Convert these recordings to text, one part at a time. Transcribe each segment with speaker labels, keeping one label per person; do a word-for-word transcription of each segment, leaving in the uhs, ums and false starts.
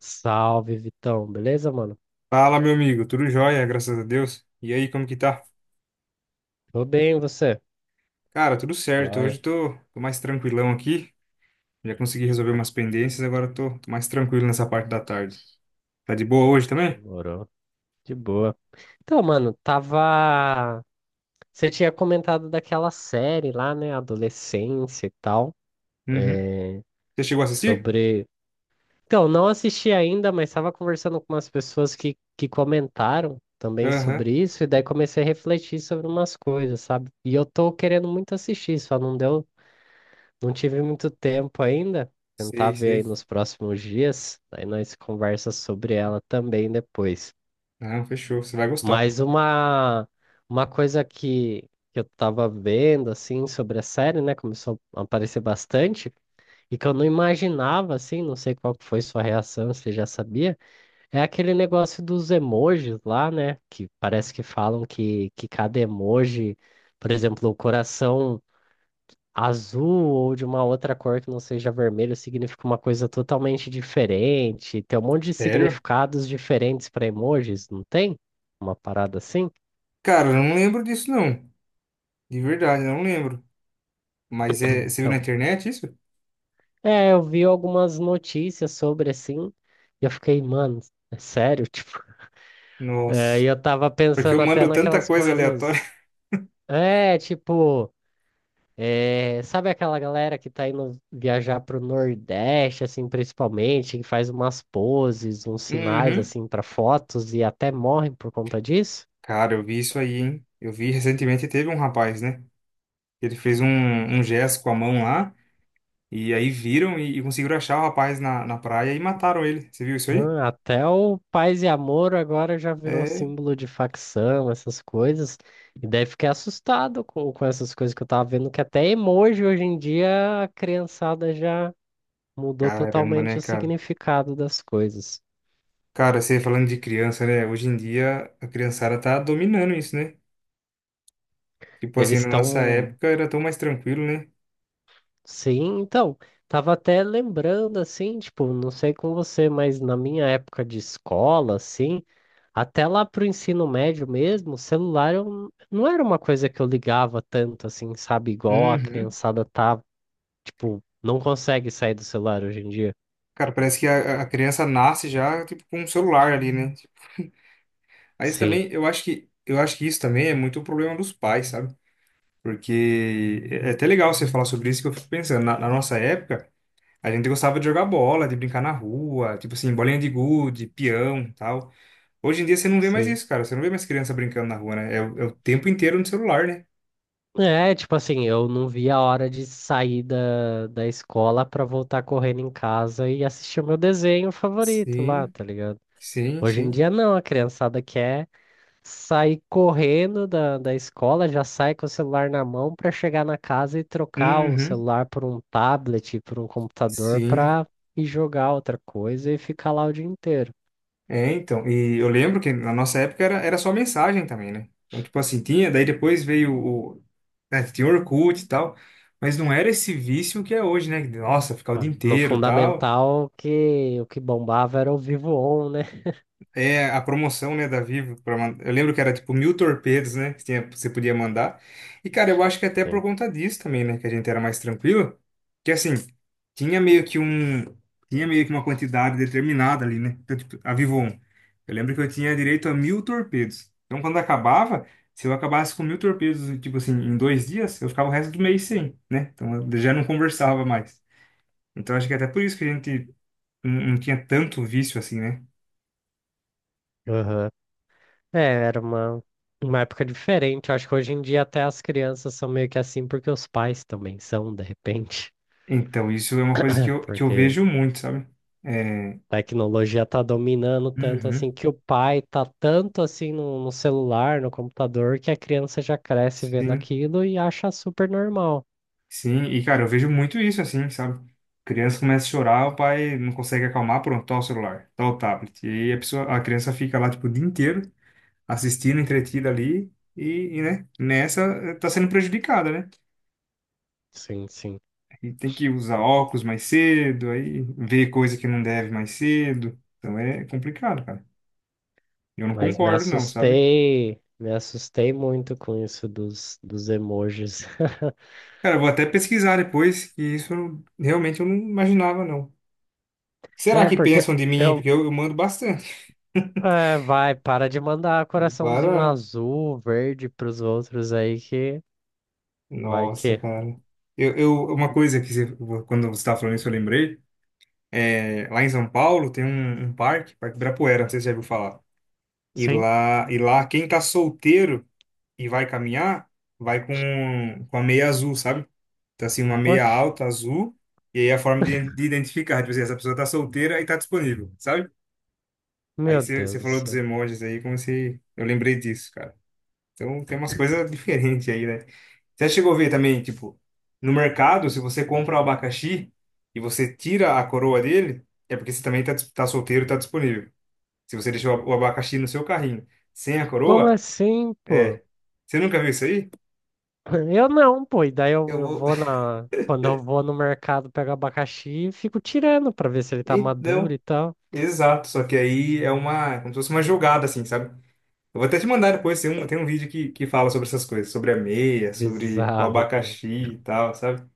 Speaker 1: Salve, Vitão. Beleza, mano?
Speaker 2: Fala, meu amigo, tudo jóia, graças a Deus. E aí, como que tá?
Speaker 1: Tô bem, e você?
Speaker 2: Cara, tudo certo. Hoje
Speaker 1: Olha,
Speaker 2: tô, tô mais tranquilão aqui. Já consegui resolver umas pendências, agora tô, tô mais tranquilo nessa parte da tarde. Tá de boa hoje também?
Speaker 1: demorou. De boa. Então, mano, tava. Você tinha comentado daquela série lá, né? Adolescência e tal.
Speaker 2: Uhum.
Speaker 1: É,
Speaker 2: Você chegou a assistir?
Speaker 1: sobre. Então, não assisti ainda, mas estava conversando com umas pessoas que, que comentaram também
Speaker 2: Aham.
Speaker 1: sobre isso. E daí comecei a refletir sobre umas coisas, sabe? E eu tô querendo muito assistir, só não deu. Não tive muito tempo ainda. Tentar
Speaker 2: Sei,
Speaker 1: ver aí
Speaker 2: sei.
Speaker 1: nos próximos dias. Aí nós conversa sobre ela também depois.
Speaker 2: Não, fechou, você vai gostar.
Speaker 1: Mas uma, uma coisa que, que eu tava vendo, assim, sobre a série, né? Começou a aparecer bastante. E que eu não imaginava, assim, não sei qual que foi sua reação, se já sabia. É aquele negócio dos emojis lá, né? Que parece que falam que, que cada emoji, por exemplo, o coração azul ou de uma outra cor que não seja vermelho significa uma coisa totalmente diferente. Tem um monte de
Speaker 2: Sério?
Speaker 1: significados diferentes para emojis, não tem? Uma parada assim?
Speaker 2: Cara, eu não lembro disso não. De verdade, eu não lembro. Mas é, você viu na
Speaker 1: Então,
Speaker 2: internet isso?
Speaker 1: é, eu vi algumas notícias sobre assim, e eu fiquei, mano, é sério? Tipo, é, e
Speaker 2: Nossa,
Speaker 1: eu tava
Speaker 2: porque eu
Speaker 1: pensando até
Speaker 2: mando tanta
Speaker 1: naquelas
Speaker 2: coisa aleatória.
Speaker 1: coisas. É, tipo. É, sabe aquela galera que tá indo viajar pro Nordeste, assim, principalmente, que faz umas poses, uns sinais,
Speaker 2: Uhum.
Speaker 1: assim, para fotos e até morrem por conta disso?
Speaker 2: Cara, eu vi isso aí, hein? Eu vi recentemente, teve um rapaz, né? Ele fez um, um gesto com a mão lá, e aí viram e, e conseguiram achar o rapaz na, na praia e mataram ele. Você viu isso aí?
Speaker 1: Hum, até o Paz e Amor agora já virou
Speaker 2: É,
Speaker 1: símbolo de facção, essas coisas. E daí fiquei assustado com, com essas coisas que eu tava vendo, que até emoji hoje em dia a criançada já mudou
Speaker 2: caramba,
Speaker 1: totalmente
Speaker 2: né,
Speaker 1: o
Speaker 2: cara?
Speaker 1: significado das coisas.
Speaker 2: Cara, você falando de criança, né? Hoje em dia a criançada tá dominando isso, né? Tipo assim,
Speaker 1: Eles
Speaker 2: na nossa
Speaker 1: estão.
Speaker 2: época era tão mais tranquilo, né?
Speaker 1: Sim, então, tava até lembrando assim, tipo, não sei com você, mas na minha época de escola, assim, até lá pro ensino médio mesmo, o celular eu, n- não era uma coisa que eu ligava tanto, assim, sabe, igual a
Speaker 2: Uhum.
Speaker 1: criançada tá, tipo, não consegue sair do celular hoje em dia.
Speaker 2: Cara, parece que a, a criança nasce já, tipo, com um celular ali, né? Aí isso
Speaker 1: Sim,
Speaker 2: também, eu acho que, eu acho que isso também é muito problema dos pais, sabe? Porque é é até legal você falar sobre isso, que eu fico pensando, na na nossa época. A gente gostava de jogar bola, de brincar na rua, tipo assim, bolinha de gude, peão, e tal. Hoje em dia você não vê mais
Speaker 1: sim.
Speaker 2: isso, cara. Você não vê mais criança brincando na rua, né? É, o é o tempo inteiro no celular, né?
Speaker 1: É, tipo assim, eu não via a hora de sair da, da escola pra voltar correndo em casa e assistir o meu desenho favorito lá,
Speaker 2: Sim,
Speaker 1: tá ligado?
Speaker 2: sim,
Speaker 1: Hoje em
Speaker 2: sim.
Speaker 1: dia não, a criançada quer. Sair correndo da, da escola, já sai com o celular na mão para chegar na casa e trocar o
Speaker 2: Uhum,
Speaker 1: celular por um tablet, por um computador
Speaker 2: sim.
Speaker 1: para ir jogar outra coisa e ficar lá o dia inteiro.
Speaker 2: É, então. E eu lembro que na nossa época era, era só mensagem também, né? Então, tipo assim, tinha, daí depois veio o. né, tinha o Orkut e tal. Mas não era esse vício que é hoje, né? Nossa, ficar o
Speaker 1: Ah,
Speaker 2: dia
Speaker 1: no
Speaker 2: inteiro e tal.
Speaker 1: fundamental, o que, o que bombava era o Vivo On, né?
Speaker 2: É a promoção, né, da Vivo. pra man- Eu lembro que era tipo mil torpedos, né? Que tinha- você podia mandar. E, cara, eu acho que até por
Speaker 1: Sim.
Speaker 2: conta disso também, né? Que a gente era mais tranquilo. Que assim, tinha meio que um. Tinha meio que uma quantidade determinada ali, né? Então, tipo, a Vivo um. Eu lembro que eu tinha direito a mil torpedos. Então, quando acabava, se eu acabasse com mil torpedos, tipo assim, em dois dias, eu ficava o resto do mês sem, né? Então, eu já não conversava mais. Então, acho que até por isso que a gente não não tinha tanto vício assim, né?
Speaker 1: Aham. É, era uma, uma época diferente. Eu acho que hoje em dia até as crianças são meio que assim, porque os pais também são, de repente.
Speaker 2: Então, isso é uma coisa que eu, que eu
Speaker 1: Porque
Speaker 2: vejo muito, sabe? É,
Speaker 1: tecnologia tá dominando tanto assim
Speaker 2: uhum,
Speaker 1: que o pai tá tanto assim no, no celular, no computador, que a criança já cresce vendo
Speaker 2: sim,
Speaker 1: aquilo e acha super normal.
Speaker 2: sim. E, cara, eu vejo muito isso, assim, sabe? Criança começa a chorar, o pai não consegue acalmar, pronto, tá o celular, tá o tablet. E aí a pessoa, a criança fica lá, tipo, o dia inteiro, assistindo, entretida ali, e, e, né, nessa eh, tá sendo prejudicada, né?
Speaker 1: Sim, sim.
Speaker 2: E tem que usar óculos mais cedo, aí ver coisa que não deve mais cedo. Então é complicado, cara. Eu não
Speaker 1: Mas me
Speaker 2: concordo, não, sabe?
Speaker 1: assustei, me assustei muito com isso dos, dos emojis.
Speaker 2: Cara, eu vou até pesquisar depois, que isso eu- realmente eu não imaginava, não. Será
Speaker 1: É,
Speaker 2: que
Speaker 1: porque
Speaker 2: pensam de mim? Hein?
Speaker 1: eu.
Speaker 2: Porque eu, eu mando bastante.
Speaker 1: É, vai, para de mandar coraçãozinho
Speaker 2: Para.
Speaker 1: azul, verde pros outros aí que. Vai
Speaker 2: Nossa,
Speaker 1: que.
Speaker 2: cara. Eu, eu, uma coisa que você, quando você estava falando isso, eu lembrei. É, lá em São Paulo tem um, um parque, Parque Ibirapuera, não sei se você já ouviu falar. E
Speaker 1: Sim.
Speaker 2: lá, e lá quem tá solteiro e vai caminhar, vai com, com a meia azul, sabe? Então, assim, uma meia
Speaker 1: Oxe,
Speaker 2: alta azul. E aí é a forma de, de identificar, tipo assim, essa pessoa tá solteira e tá disponível, sabe? Aí
Speaker 1: meu
Speaker 2: você você
Speaker 1: Deus do
Speaker 2: falou dos
Speaker 1: céu.
Speaker 2: emojis aí, como se. Eu lembrei disso, cara. Então tem umas coisas diferentes aí, né? Você já chegou a ver também, tipo, no mercado, se você compra o abacaxi e você tira a coroa dele, é porque você também tá, dis- tá solteiro, tá disponível. Se você deixou o abacaxi no seu carrinho sem a
Speaker 1: Como
Speaker 2: coroa,
Speaker 1: assim, pô?
Speaker 2: é. Você nunca viu isso aí?
Speaker 1: Eu não, pô. E daí eu,
Speaker 2: Eu
Speaker 1: eu
Speaker 2: vou.
Speaker 1: vou na. Quando eu vou no mercado, pego abacaxi e fico tirando pra ver se ele tá maduro
Speaker 2: Então,
Speaker 1: e tal.
Speaker 2: exato. Só que aí é uma. Como se fosse uma jogada, assim, sabe? Eu vou até te mandar depois, tem um, tem um vídeo que, que fala sobre essas coisas, sobre a meia, sobre o
Speaker 1: Bizarro, mano.
Speaker 2: abacaxi e tal, sabe?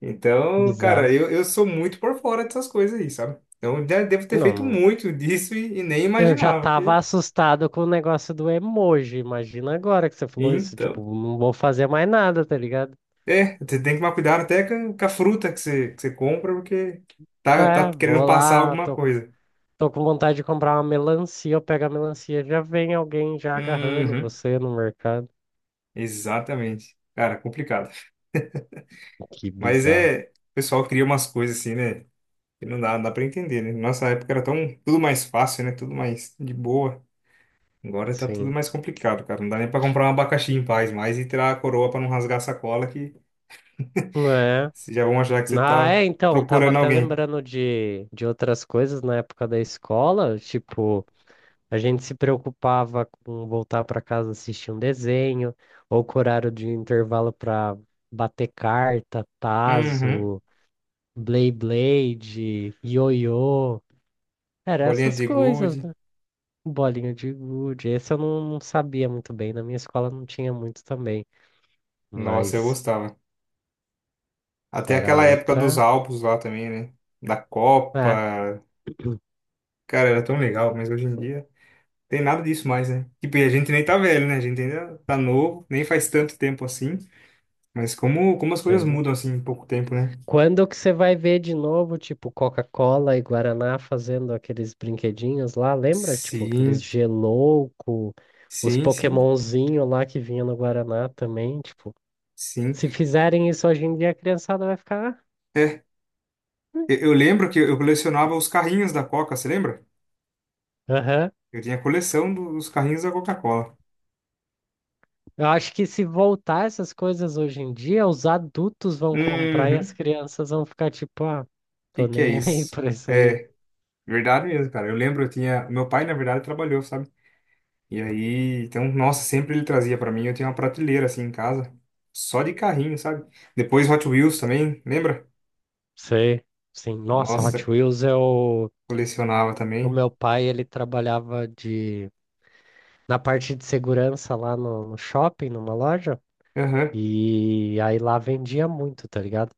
Speaker 2: Então,
Speaker 1: Bizarro.
Speaker 2: cara, eu, eu sou muito por fora dessas coisas aí, sabe? Eu já devo ter
Speaker 1: Não,
Speaker 2: feito
Speaker 1: não.
Speaker 2: muito disso e, e nem
Speaker 1: Eu já
Speaker 2: imaginava que...
Speaker 1: tava assustado com o negócio do emoji. Imagina agora que você falou isso. Tipo,
Speaker 2: Então,
Speaker 1: não vou fazer mais nada, tá ligado?
Speaker 2: é, você tem que tomar cuidado até com, com a fruta que você, que você compra, porque tá, tá
Speaker 1: É,
Speaker 2: querendo
Speaker 1: vou
Speaker 2: passar
Speaker 1: lá,
Speaker 2: alguma
Speaker 1: tô,
Speaker 2: coisa.
Speaker 1: tô com vontade de comprar uma melancia. Eu pego a melancia, já vem alguém já agarrando
Speaker 2: Uhum,
Speaker 1: você no mercado.
Speaker 2: exatamente. Cara, complicado.
Speaker 1: Que
Speaker 2: Mas
Speaker 1: bizarro.
Speaker 2: é, o pessoal cria umas coisas assim, né? Que não dá, não dá pra entender, né? Nossa época era tão, tudo mais fácil, né? Tudo mais de boa. Agora tá tudo
Speaker 1: Sim.
Speaker 2: mais complicado, cara. Não dá nem pra comprar um abacaxi em paz mais e tirar a coroa pra não rasgar a sacola que
Speaker 1: É?
Speaker 2: vocês já vão achar que você
Speaker 1: Ah,
Speaker 2: tá
Speaker 1: é, então, tava
Speaker 2: procurando
Speaker 1: até
Speaker 2: alguém.
Speaker 1: lembrando de, de outras coisas na época da escola, tipo, a gente se preocupava com voltar para casa assistir um desenho, ou com horário de intervalo para bater carta,
Speaker 2: Uhum.
Speaker 1: tazo, blade ioiô, era
Speaker 2: Bolinha
Speaker 1: essas
Speaker 2: de
Speaker 1: coisas,
Speaker 2: gude.
Speaker 1: né? Bolinha de gude, esse eu não, não sabia muito bem, na minha escola não tinha muito também,
Speaker 2: Nossa, eu
Speaker 1: mas
Speaker 2: gostava. Até
Speaker 1: era
Speaker 2: aquela época dos
Speaker 1: outra,
Speaker 2: álbuns lá também, né? Da
Speaker 1: é,
Speaker 2: Copa. Cara, era tão legal, mas hoje em dia tem nada disso mais, né? Tipo, e a gente nem tá velho, né? A gente ainda tá novo, nem faz tanto tempo assim. Mas como, como as coisas mudam assim em pouco tempo, né?
Speaker 1: quando que você vai ver de novo, tipo, Coca-Cola e Guaraná fazendo aqueles brinquedinhos lá, lembra? Tipo, aqueles
Speaker 2: Sim,
Speaker 1: gelouco, os
Speaker 2: sim, sim,
Speaker 1: Pokémonzinho lá que vinha no Guaraná também, tipo.
Speaker 2: sim.
Speaker 1: Se fizerem isso hoje em dia, a criançada vai ficar.
Speaker 2: É, eu, eu lembro que eu colecionava os carrinhos da Coca, você lembra?
Speaker 1: Ah, aham.
Speaker 2: Eu tinha coleção do- dos carrinhos da Coca-Cola.
Speaker 1: Eu acho que se voltar essas coisas hoje em dia, os adultos vão comprar e as
Speaker 2: Uhum. O
Speaker 1: crianças vão ficar tipo, ah,
Speaker 2: que
Speaker 1: tô
Speaker 2: que é
Speaker 1: nem aí
Speaker 2: isso?
Speaker 1: pra isso aí.
Speaker 2: É, verdade mesmo, cara. Eu lembro, eu tinha, meu pai na verdade trabalhou, sabe? E aí, então, nossa, sempre ele trazia pra mim. Eu tinha uma prateleira assim em casa, só de carrinho, sabe? Depois Hot Wheels também, lembra?
Speaker 1: Sei. Sim. Nossa, Hot
Speaker 2: Nossa,
Speaker 1: Wheels é o.
Speaker 2: colecionava
Speaker 1: O
Speaker 2: também.
Speaker 1: meu pai, ele trabalhava de na parte de segurança lá no, no shopping, numa loja,
Speaker 2: Aham,
Speaker 1: e aí lá vendia muito, tá ligado?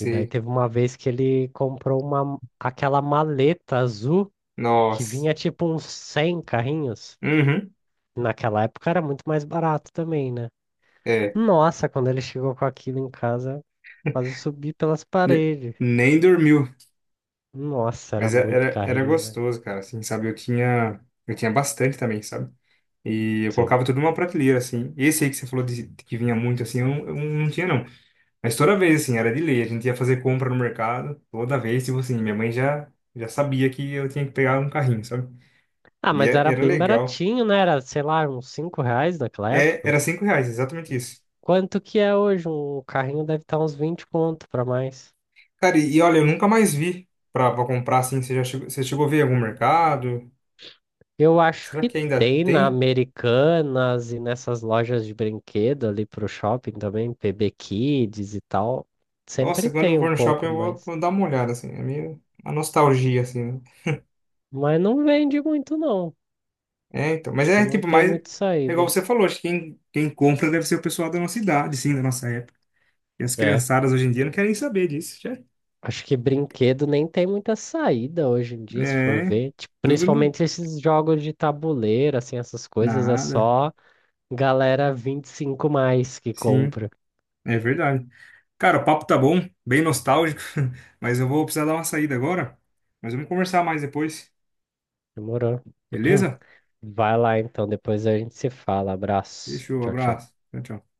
Speaker 1: E daí teve uma vez que ele comprou uma, aquela maleta azul que
Speaker 2: Nossa.
Speaker 1: vinha tipo uns cem carrinhos.
Speaker 2: Uhum.
Speaker 1: Naquela época era muito mais barato também, né?
Speaker 2: É.
Speaker 1: Nossa, quando ele chegou com aquilo em casa, quase subi pelas
Speaker 2: Ne-
Speaker 1: paredes.
Speaker 2: Nem dormiu.
Speaker 1: Nossa, era
Speaker 2: Mas é-
Speaker 1: muito
Speaker 2: era, era
Speaker 1: carrinho, velho.
Speaker 2: gostoso, cara, assim, sabe? Eu tinha, eu tinha bastante também, sabe? E eu
Speaker 1: Sim.
Speaker 2: colocava tudo numa prateleira, assim. Esse aí que você falou de, que vinha muito, assim, eu, não- eu não tinha, não. Mas toda vez, assim, era de lei. A gente ia fazer compra no mercado, toda vez, tipo assim, minha mãe já, já sabia que eu tinha que pegar um carrinho, sabe?
Speaker 1: Ah,
Speaker 2: E
Speaker 1: mas
Speaker 2: é-
Speaker 1: era
Speaker 2: era
Speaker 1: bem
Speaker 2: legal.
Speaker 1: baratinho, né? Era, sei lá, uns cinco reais naquela
Speaker 2: É,
Speaker 1: época.
Speaker 2: era cinco reais, exatamente isso.
Speaker 1: Quanto que é hoje? Um carrinho deve estar uns vinte conto para mais.
Speaker 2: Cara, e, e olha, eu nunca mais vi pra, pra comprar, assim. Você já chegou, você chegou a ver em algum mercado?
Speaker 1: Eu acho
Speaker 2: Será
Speaker 1: que
Speaker 2: que ainda
Speaker 1: tem na
Speaker 2: tem?
Speaker 1: Americanas e nessas lojas de brinquedo ali pro shopping também, P B Kids e tal.
Speaker 2: Nossa,
Speaker 1: Sempre
Speaker 2: quando eu
Speaker 1: tem um
Speaker 2: for no shopping
Speaker 1: pouco,
Speaker 2: eu vou,
Speaker 1: mas,
Speaker 2: vou dar uma olhada, assim. É meio uma nostalgia, assim, né?
Speaker 1: mas não vende muito não.
Speaker 2: É, então. Mas
Speaker 1: Acho que
Speaker 2: é
Speaker 1: não
Speaker 2: tipo,
Speaker 1: tem
Speaker 2: mais.
Speaker 1: muita
Speaker 2: É igual
Speaker 1: saída.
Speaker 2: você falou, acho que quem, quem compra deve ser o pessoal da nossa idade, sim, da nossa época. E as
Speaker 1: É.
Speaker 2: criançadas hoje em dia não querem saber disso, já.
Speaker 1: Acho que brinquedo nem tem muita saída hoje em dia, se for
Speaker 2: É,
Speaker 1: ver. Tipo,
Speaker 2: tudo no.
Speaker 1: principalmente esses jogos de tabuleiro, assim, essas coisas, é
Speaker 2: Nada.
Speaker 1: só galera vinte e cinco mais que
Speaker 2: Sim,
Speaker 1: compra.
Speaker 2: é verdade. Cara, o papo tá bom, bem nostálgico, mas eu vou precisar dar uma saída agora. Mas vamos conversar mais depois,
Speaker 1: Demorou.
Speaker 2: beleza?
Speaker 1: Vai lá então, depois a gente se fala. Abraço.
Speaker 2: Fechou,
Speaker 1: Tchau, tchau.
Speaker 2: abraço. Tchau, tchau.